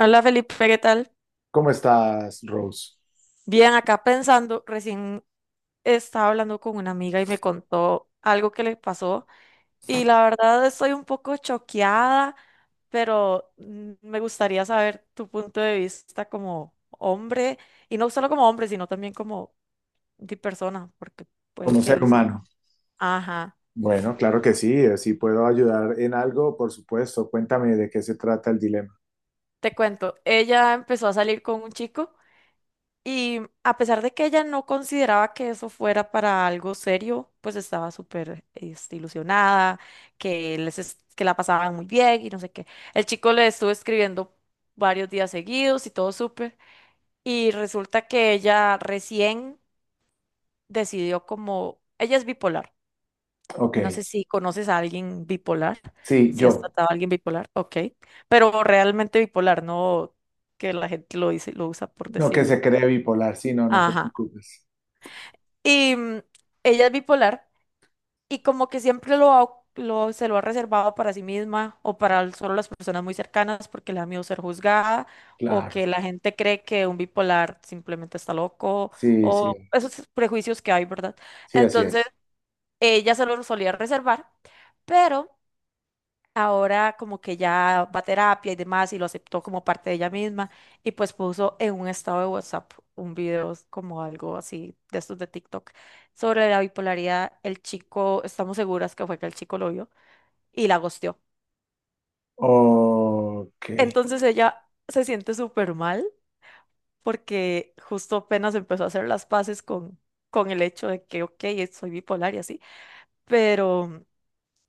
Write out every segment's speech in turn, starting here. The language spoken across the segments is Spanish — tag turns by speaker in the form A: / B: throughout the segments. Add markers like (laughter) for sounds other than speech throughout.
A: Hola Felipe, ¿qué tal?
B: ¿Cómo estás, Rose?
A: Bien, acá pensando, recién estaba hablando con una amiga y me contó algo que le pasó y la verdad estoy un poco choqueada, pero me gustaría saber tu punto de vista como hombre y no solo como hombre, sino también como de persona, porque puede
B: Como
A: que
B: ser
A: les...
B: humano.
A: Ajá,
B: Bueno, claro que sí. Si puedo ayudar en algo, por supuesto. Cuéntame de qué se trata el dilema.
A: te cuento, ella empezó a salir con un chico. Y a pesar de que ella no consideraba que eso fuera para algo serio, pues estaba súper ilusionada, que, que la pasaban muy bien y no sé qué. El chico le estuvo escribiendo varios días seguidos y todo súper. Y resulta que ella recién decidió como... Ella es bipolar.
B: Ok.
A: No sé si conoces a alguien bipolar,
B: Sí,
A: si has
B: yo.
A: tratado a alguien bipolar, ok. Pero realmente bipolar, no que la gente lo dice, lo usa por
B: No que se
A: decirlo.
B: cree bipolar. Sí, no, no te
A: Ajá.
B: preocupes.
A: Y mm, ella es bipolar y como que siempre se lo ha reservado para sí misma o para solo las personas muy cercanas porque le da miedo ser juzgada o
B: Claro.
A: que la gente cree que un bipolar simplemente está loco
B: Sí,
A: o
B: sí.
A: esos prejuicios que hay, ¿verdad?
B: Sí, así
A: Entonces,
B: es.
A: ella se lo solía reservar, pero ahora como que ya va a terapia y demás y lo aceptó como parte de ella misma y pues puso en un estado de WhatsApp un video como algo así de estos de TikTok sobre la bipolaridad. El chico, estamos seguras que fue que el chico lo vio y la gosteó.
B: Ok.
A: Entonces ella se siente súper mal porque justo apenas empezó a hacer las paces con el hecho de que, ok, soy bipolar y así, pero...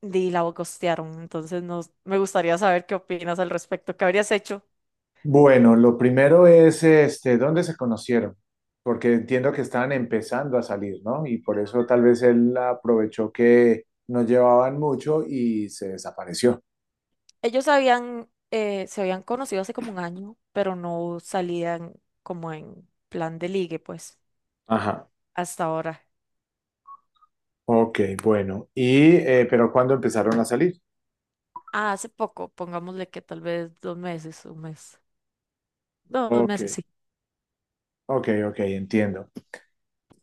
A: di la gostearon, entonces no, me gustaría saber qué opinas al respecto. ¿Qué habrías hecho?
B: Bueno, lo primero es, este, ¿dónde se conocieron? Porque entiendo que estaban empezando a salir, ¿no? Y por eso tal vez él aprovechó que no llevaban mucho y se desapareció.
A: Ellos habían, se habían conocido hace como un año, pero no salían como en plan de ligue, pues,
B: Ajá.
A: hasta ahora.
B: Ok, bueno. Y, pero ¿cuándo empezaron a salir?
A: Ah, hace poco, pongámosle que tal vez dos meses, un mes. No, dos
B: Ok,
A: meses, sí.
B: ok, ok, entiendo.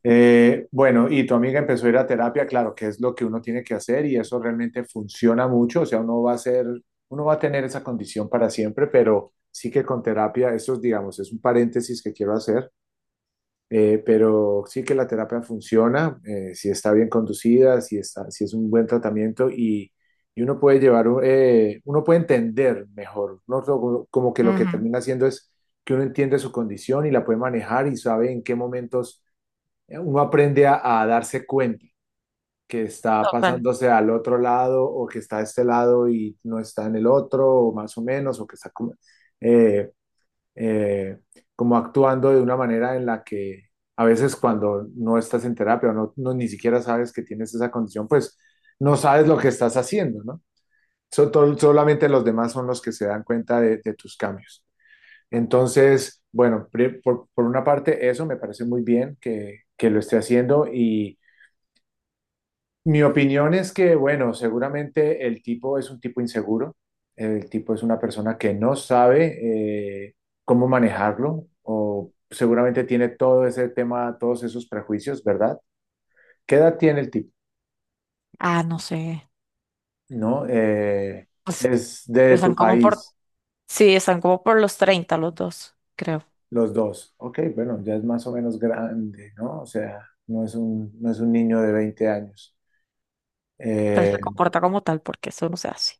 B: Bueno, y tu amiga empezó a ir a terapia, claro, que es lo que uno tiene que hacer y eso realmente funciona mucho, o sea, uno va a ser, uno va a tener esa condición para siempre, pero sí que con terapia, eso, es, digamos, es un paréntesis que quiero hacer. Pero sí que la terapia funciona, si está bien conducida, si está, si es un buen tratamiento y uno puede llevar, uno puede entender mejor, ¿no? Como que lo que
A: Ujú.
B: termina haciendo es que uno entiende su condición y la puede manejar y sabe en qué momentos uno aprende a darse cuenta que está
A: Total.
B: pasándose al otro lado o que está a este lado y no está en el otro, o más o menos, o que está como eh, eh, como actuando de una manera en la que a veces cuando no estás en terapia o no, no ni siquiera sabes que tienes esa condición, pues no sabes lo que estás haciendo, ¿no? Solamente los demás son los que se dan cuenta de tus cambios. Entonces, bueno, por una parte eso me parece muy bien que lo esté haciendo y mi opinión es que, bueno, seguramente el tipo es un tipo inseguro, el tipo es una persona que no sabe cómo manejarlo o seguramente tiene todo ese tema, todos esos prejuicios, ¿verdad? ¿Qué edad tiene el tipo?
A: Ah, no sé.
B: ¿No?
A: Pues
B: Es de
A: están
B: tu
A: como por,
B: país,
A: sí, están como por los 30 los dos, creo.
B: los dos. Ok, bueno, ya es más o menos grande, ¿no? O sea, no es un niño de 20 años.
A: Pero
B: Eh,
A: se comporta como tal porque eso no se hace.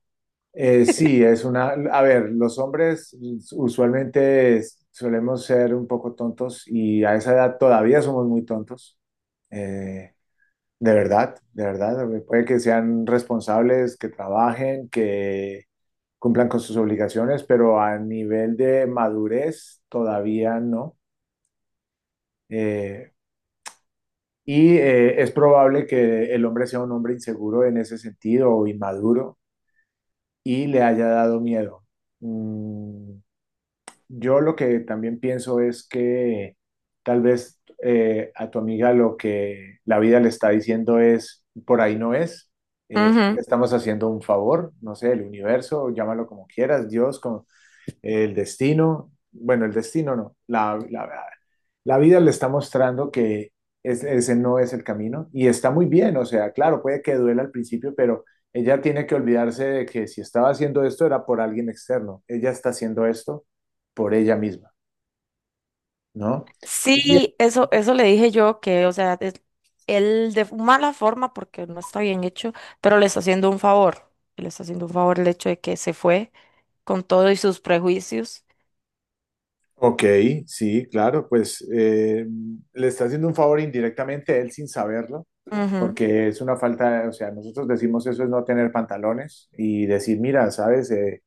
B: Sí, es una... A ver, los hombres usualmente solemos ser un poco tontos y a esa edad todavía somos muy tontos. Eh, de verdad, de verdad. Puede que sean responsables, que trabajen, que cumplan con sus obligaciones, pero a nivel de madurez todavía no. Eh, y es probable que el hombre sea un hombre inseguro en ese sentido o inmaduro y le haya dado miedo. Mm, Yo lo que también pienso es que tal vez a tu amiga lo que la vida le está diciendo es, por ahí no es,
A: Ujú.
B: estamos haciendo un favor, no sé, el universo, llámalo como quieras, Dios, como, el destino, bueno, el destino no, la vida le está mostrando que ese no es el camino y está muy bien, o sea, claro, puede que duela al principio, pero ella tiene que olvidarse de que si estaba haciendo esto era por alguien externo, ella está haciendo esto por ella misma, ¿no? Y bien,
A: Sí, eso le dije yo que, o sea, él de mala forma porque no está bien hecho, pero le está haciendo un favor. Le está haciendo un favor el hecho de que se fue con todo y sus prejuicios.
B: ok, sí, claro, pues le está haciendo un favor indirectamente a él sin saberlo,
A: Ujú.
B: porque es una falta, o sea, nosotros decimos eso es no tener pantalones y decir, mira, sabes, Eh,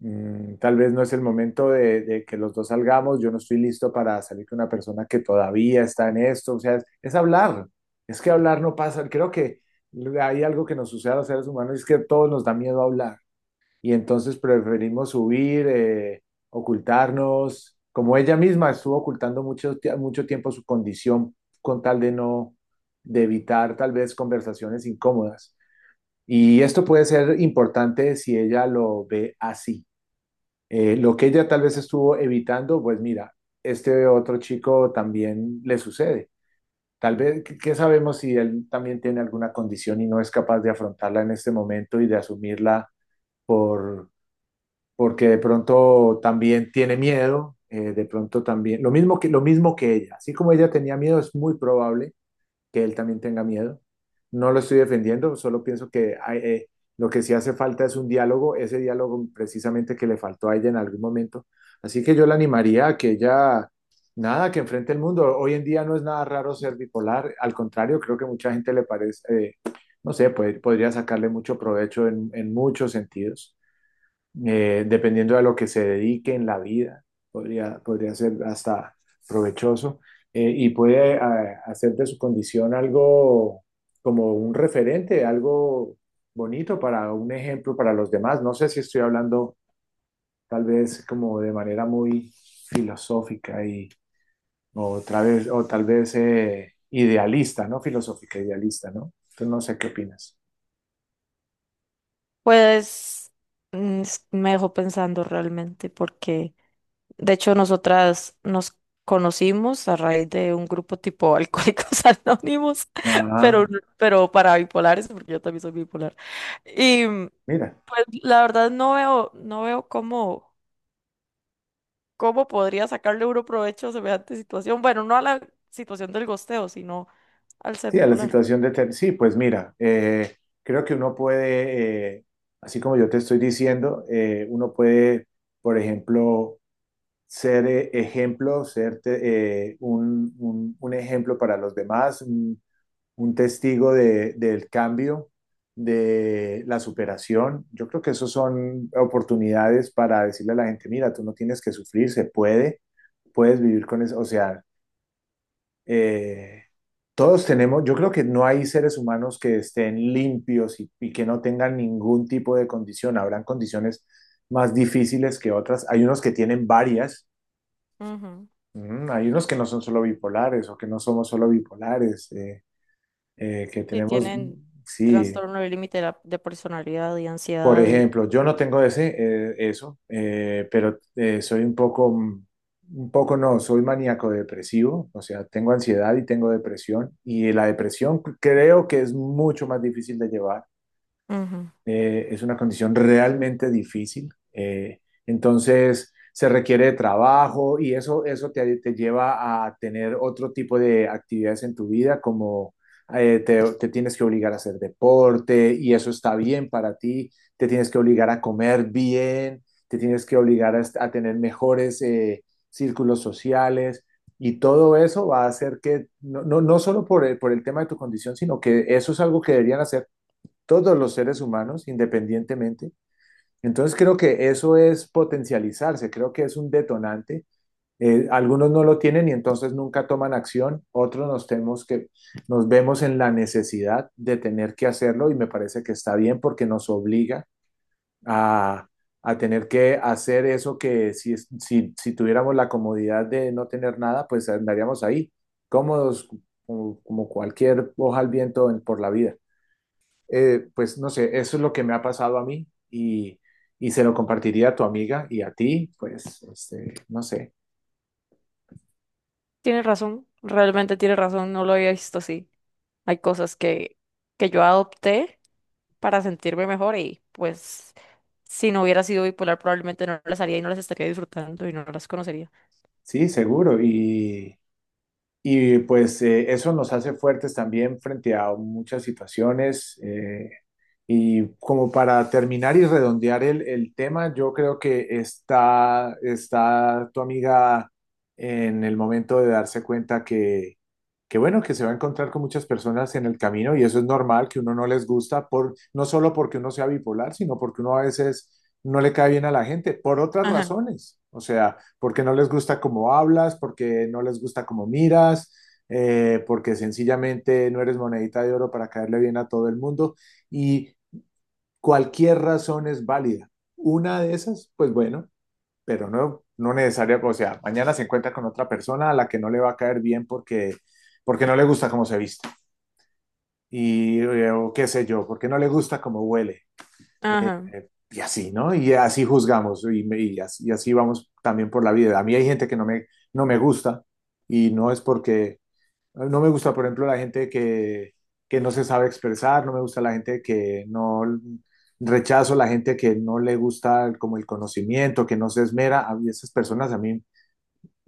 B: mm, tal vez no es el momento de que los dos salgamos, yo no estoy listo para salir con una persona que todavía está en esto, o sea, es hablar, es que hablar no pasa, creo que hay algo que nos sucede a los seres humanos, es que a todos nos da miedo hablar y entonces preferimos huir, ocultarnos, como ella misma estuvo ocultando mucho, mucho tiempo su condición con tal de no, de evitar tal vez conversaciones incómodas. Y esto puede ser importante si ella lo ve así. Lo que ella tal vez estuvo evitando, pues mira, este otro chico también le sucede. Tal vez, ¿ qué sabemos si él también tiene alguna condición y no es capaz de afrontarla en este momento y de asumirla por, porque de pronto también tiene miedo, de pronto también, lo mismo que ella, así como ella tenía miedo, es muy probable que él también tenga miedo. No lo estoy defendiendo, solo pienso que hay, lo que sí hace falta es un diálogo, ese diálogo precisamente que le faltó a ella en algún momento. Así que yo la animaría a que ella, nada, que enfrente el mundo. Hoy en día no es nada raro ser bipolar, al contrario, creo que mucha gente le parece, no sé, puede, podría sacarle mucho provecho en muchos sentidos dependiendo de lo que se dedique en la vida, podría ser hasta provechoso y puede hacer de su condición algo como un referente, algo bonito para un ejemplo para los demás. No sé si estoy hablando tal vez como de manera muy filosófica y o otra vez o tal vez idealista, ¿no? Filosófica, idealista, ¿no? Entonces no sé qué opinas.
A: Pues me dejó pensando realmente porque, de hecho, nosotras nos conocimos a raíz de un grupo tipo Alcohólicos (laughs) Anónimos,
B: Ah,
A: pero, pero para bipolares, porque yo también soy bipolar. Y mm,
B: mira.
A: pues la verdad no veo cómo podría sacarle uno provecho a semejante situación. Bueno, no a la situación del gosteo, sino al ser
B: Sí, a la
A: bipolar.
B: situación de sí, pues mira, creo que uno puede, así como yo te estoy diciendo, uno puede, por ejemplo, ser un ejemplo para los demás, un testigo del cambio, de la superación. Yo creo que esos son oportunidades para decirle a la gente, mira, tú no tienes que sufrir, se puede, puedes vivir con eso, o sea eh, todos tenemos, yo creo que no hay seres humanos que estén limpios y que no tengan ningún tipo de condición. Habrán condiciones más difíciles que otras. Hay unos que tienen varias,
A: Ujú.
B: hay unos que no son solo bipolares o que no somos solo bipolares, que
A: Si
B: tenemos,
A: tienen
B: sí,
A: trastorno del límite de personalidad y
B: por
A: ansiedad y...
B: ejemplo, yo no tengo ese, eso, pero soy un poco, un poco no, soy maníaco depresivo, o sea, tengo ansiedad y tengo depresión, y la depresión creo que es mucho más difícil de llevar
A: Ujú.
B: es una condición realmente difícil. eh, entonces, se requiere de trabajo y eso te lleva a tener otro tipo de actividades en tu vida, como te tienes que obligar a hacer deporte y eso está bien para ti, te tienes que obligar a comer bien, te tienes que obligar a, a tener mejores círculos sociales. Y todo eso va a hacer que, no, no, no solo por el tema de tu condición, sino que eso es algo que deberían hacer todos los seres humanos independientemente. Entonces creo que eso es potencializarse, creo que es un detonante. Algunos no lo tienen y entonces nunca toman acción, tenemos que, nos vemos en la necesidad de tener que hacerlo y me parece que está bien porque nos obliga a, a tener que hacer eso que si tuviéramos la comodidad de no tener nada, pues andaríamos ahí, cómodos como, como cualquier hoja al viento por la vida pues no sé, eso es lo que me ha pasado a mí y se lo compartiría a tu amiga y a ti, pues, este, no sé,
A: Tienes razón, realmente tiene razón, no lo había visto así. Hay que yo adopté para sentirme mejor y pues si no hubiera sido bipolar probablemente no las haría y no las estaría disfrutando y no las conocería.
B: sí, seguro. Y pues eso nos hace fuertes también frente a muchas situaciones. Y como para terminar y redondear el tema, yo creo que está, está tu amiga en el momento de darse cuenta que, bueno, que se va a encontrar con muchas personas en el camino y eso es normal, que uno no les gusta, por, no solo porque uno sea bipolar, sino porque uno a veces no le cae bien a la gente, por otras
A: Ajá,
B: razones. O sea, porque no les gusta cómo hablas, porque no les gusta cómo miras, porque sencillamente no eres monedita de oro para caerle bien a todo el mundo. Y cualquier razón es válida. Una de esas, pues bueno, pero no, no necesaria, o sea, mañana se encuentra con otra persona a la que no le va a caer bien porque, porque no le gusta cómo se viste y o qué sé yo, porque no le gusta cómo huele.
A: ajá.
B: Y así, ¿no? Y así juzgamos y, así, vamos también por la vida. A mí hay gente que no me gusta y no es porque ah, no me gusta, por ejemplo, la gente que no se sabe expresar, no me gusta la gente que no rechazo, la gente que no le gusta como el conocimiento, que no se esmera. A mí esas personas a mí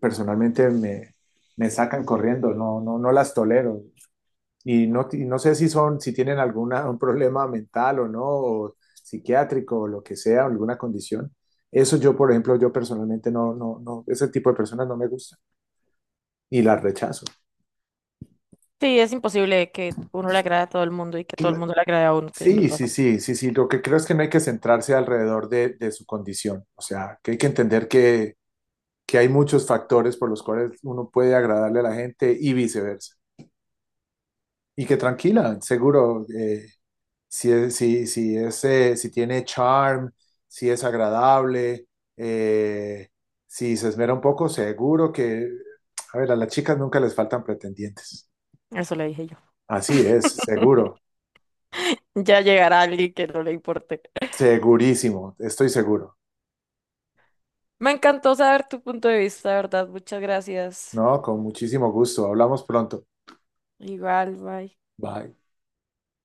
B: personalmente me, me sacan corriendo, no, no, no las tolero. Y no sé si son, si tienen algún problema mental o no, o psiquiátrico o lo que sea, alguna condición. Eso yo, por ejemplo, yo personalmente no, no, no, ese tipo de personas no me gusta y las rechazo.
A: Sí, es imposible que uno le agrade a todo el mundo y que todo el mundo le agrade a uno, tienes
B: Sí, sí,
A: razón.
B: sí, sí, sí. Lo que creo es que no hay que centrarse alrededor de su condición. O sea, que hay que entender que hay muchos factores por los cuales uno puede agradarle a la gente y viceversa. Y que tranquila, seguro, si es, si es, si tiene charm, si es agradable, eh, si se esmera un poco, seguro que, a ver, a las chicas nunca les faltan pretendientes.
A: Eso le dije yo.
B: Así es, seguro,
A: Ya llegará alguien que no le importe.
B: segurísimo, estoy seguro.
A: Me encantó saber tu punto de vista, ¿verdad? Muchas gracias.
B: No, con muchísimo gusto. Hablamos pronto.
A: Igual, bye.
B: Bye.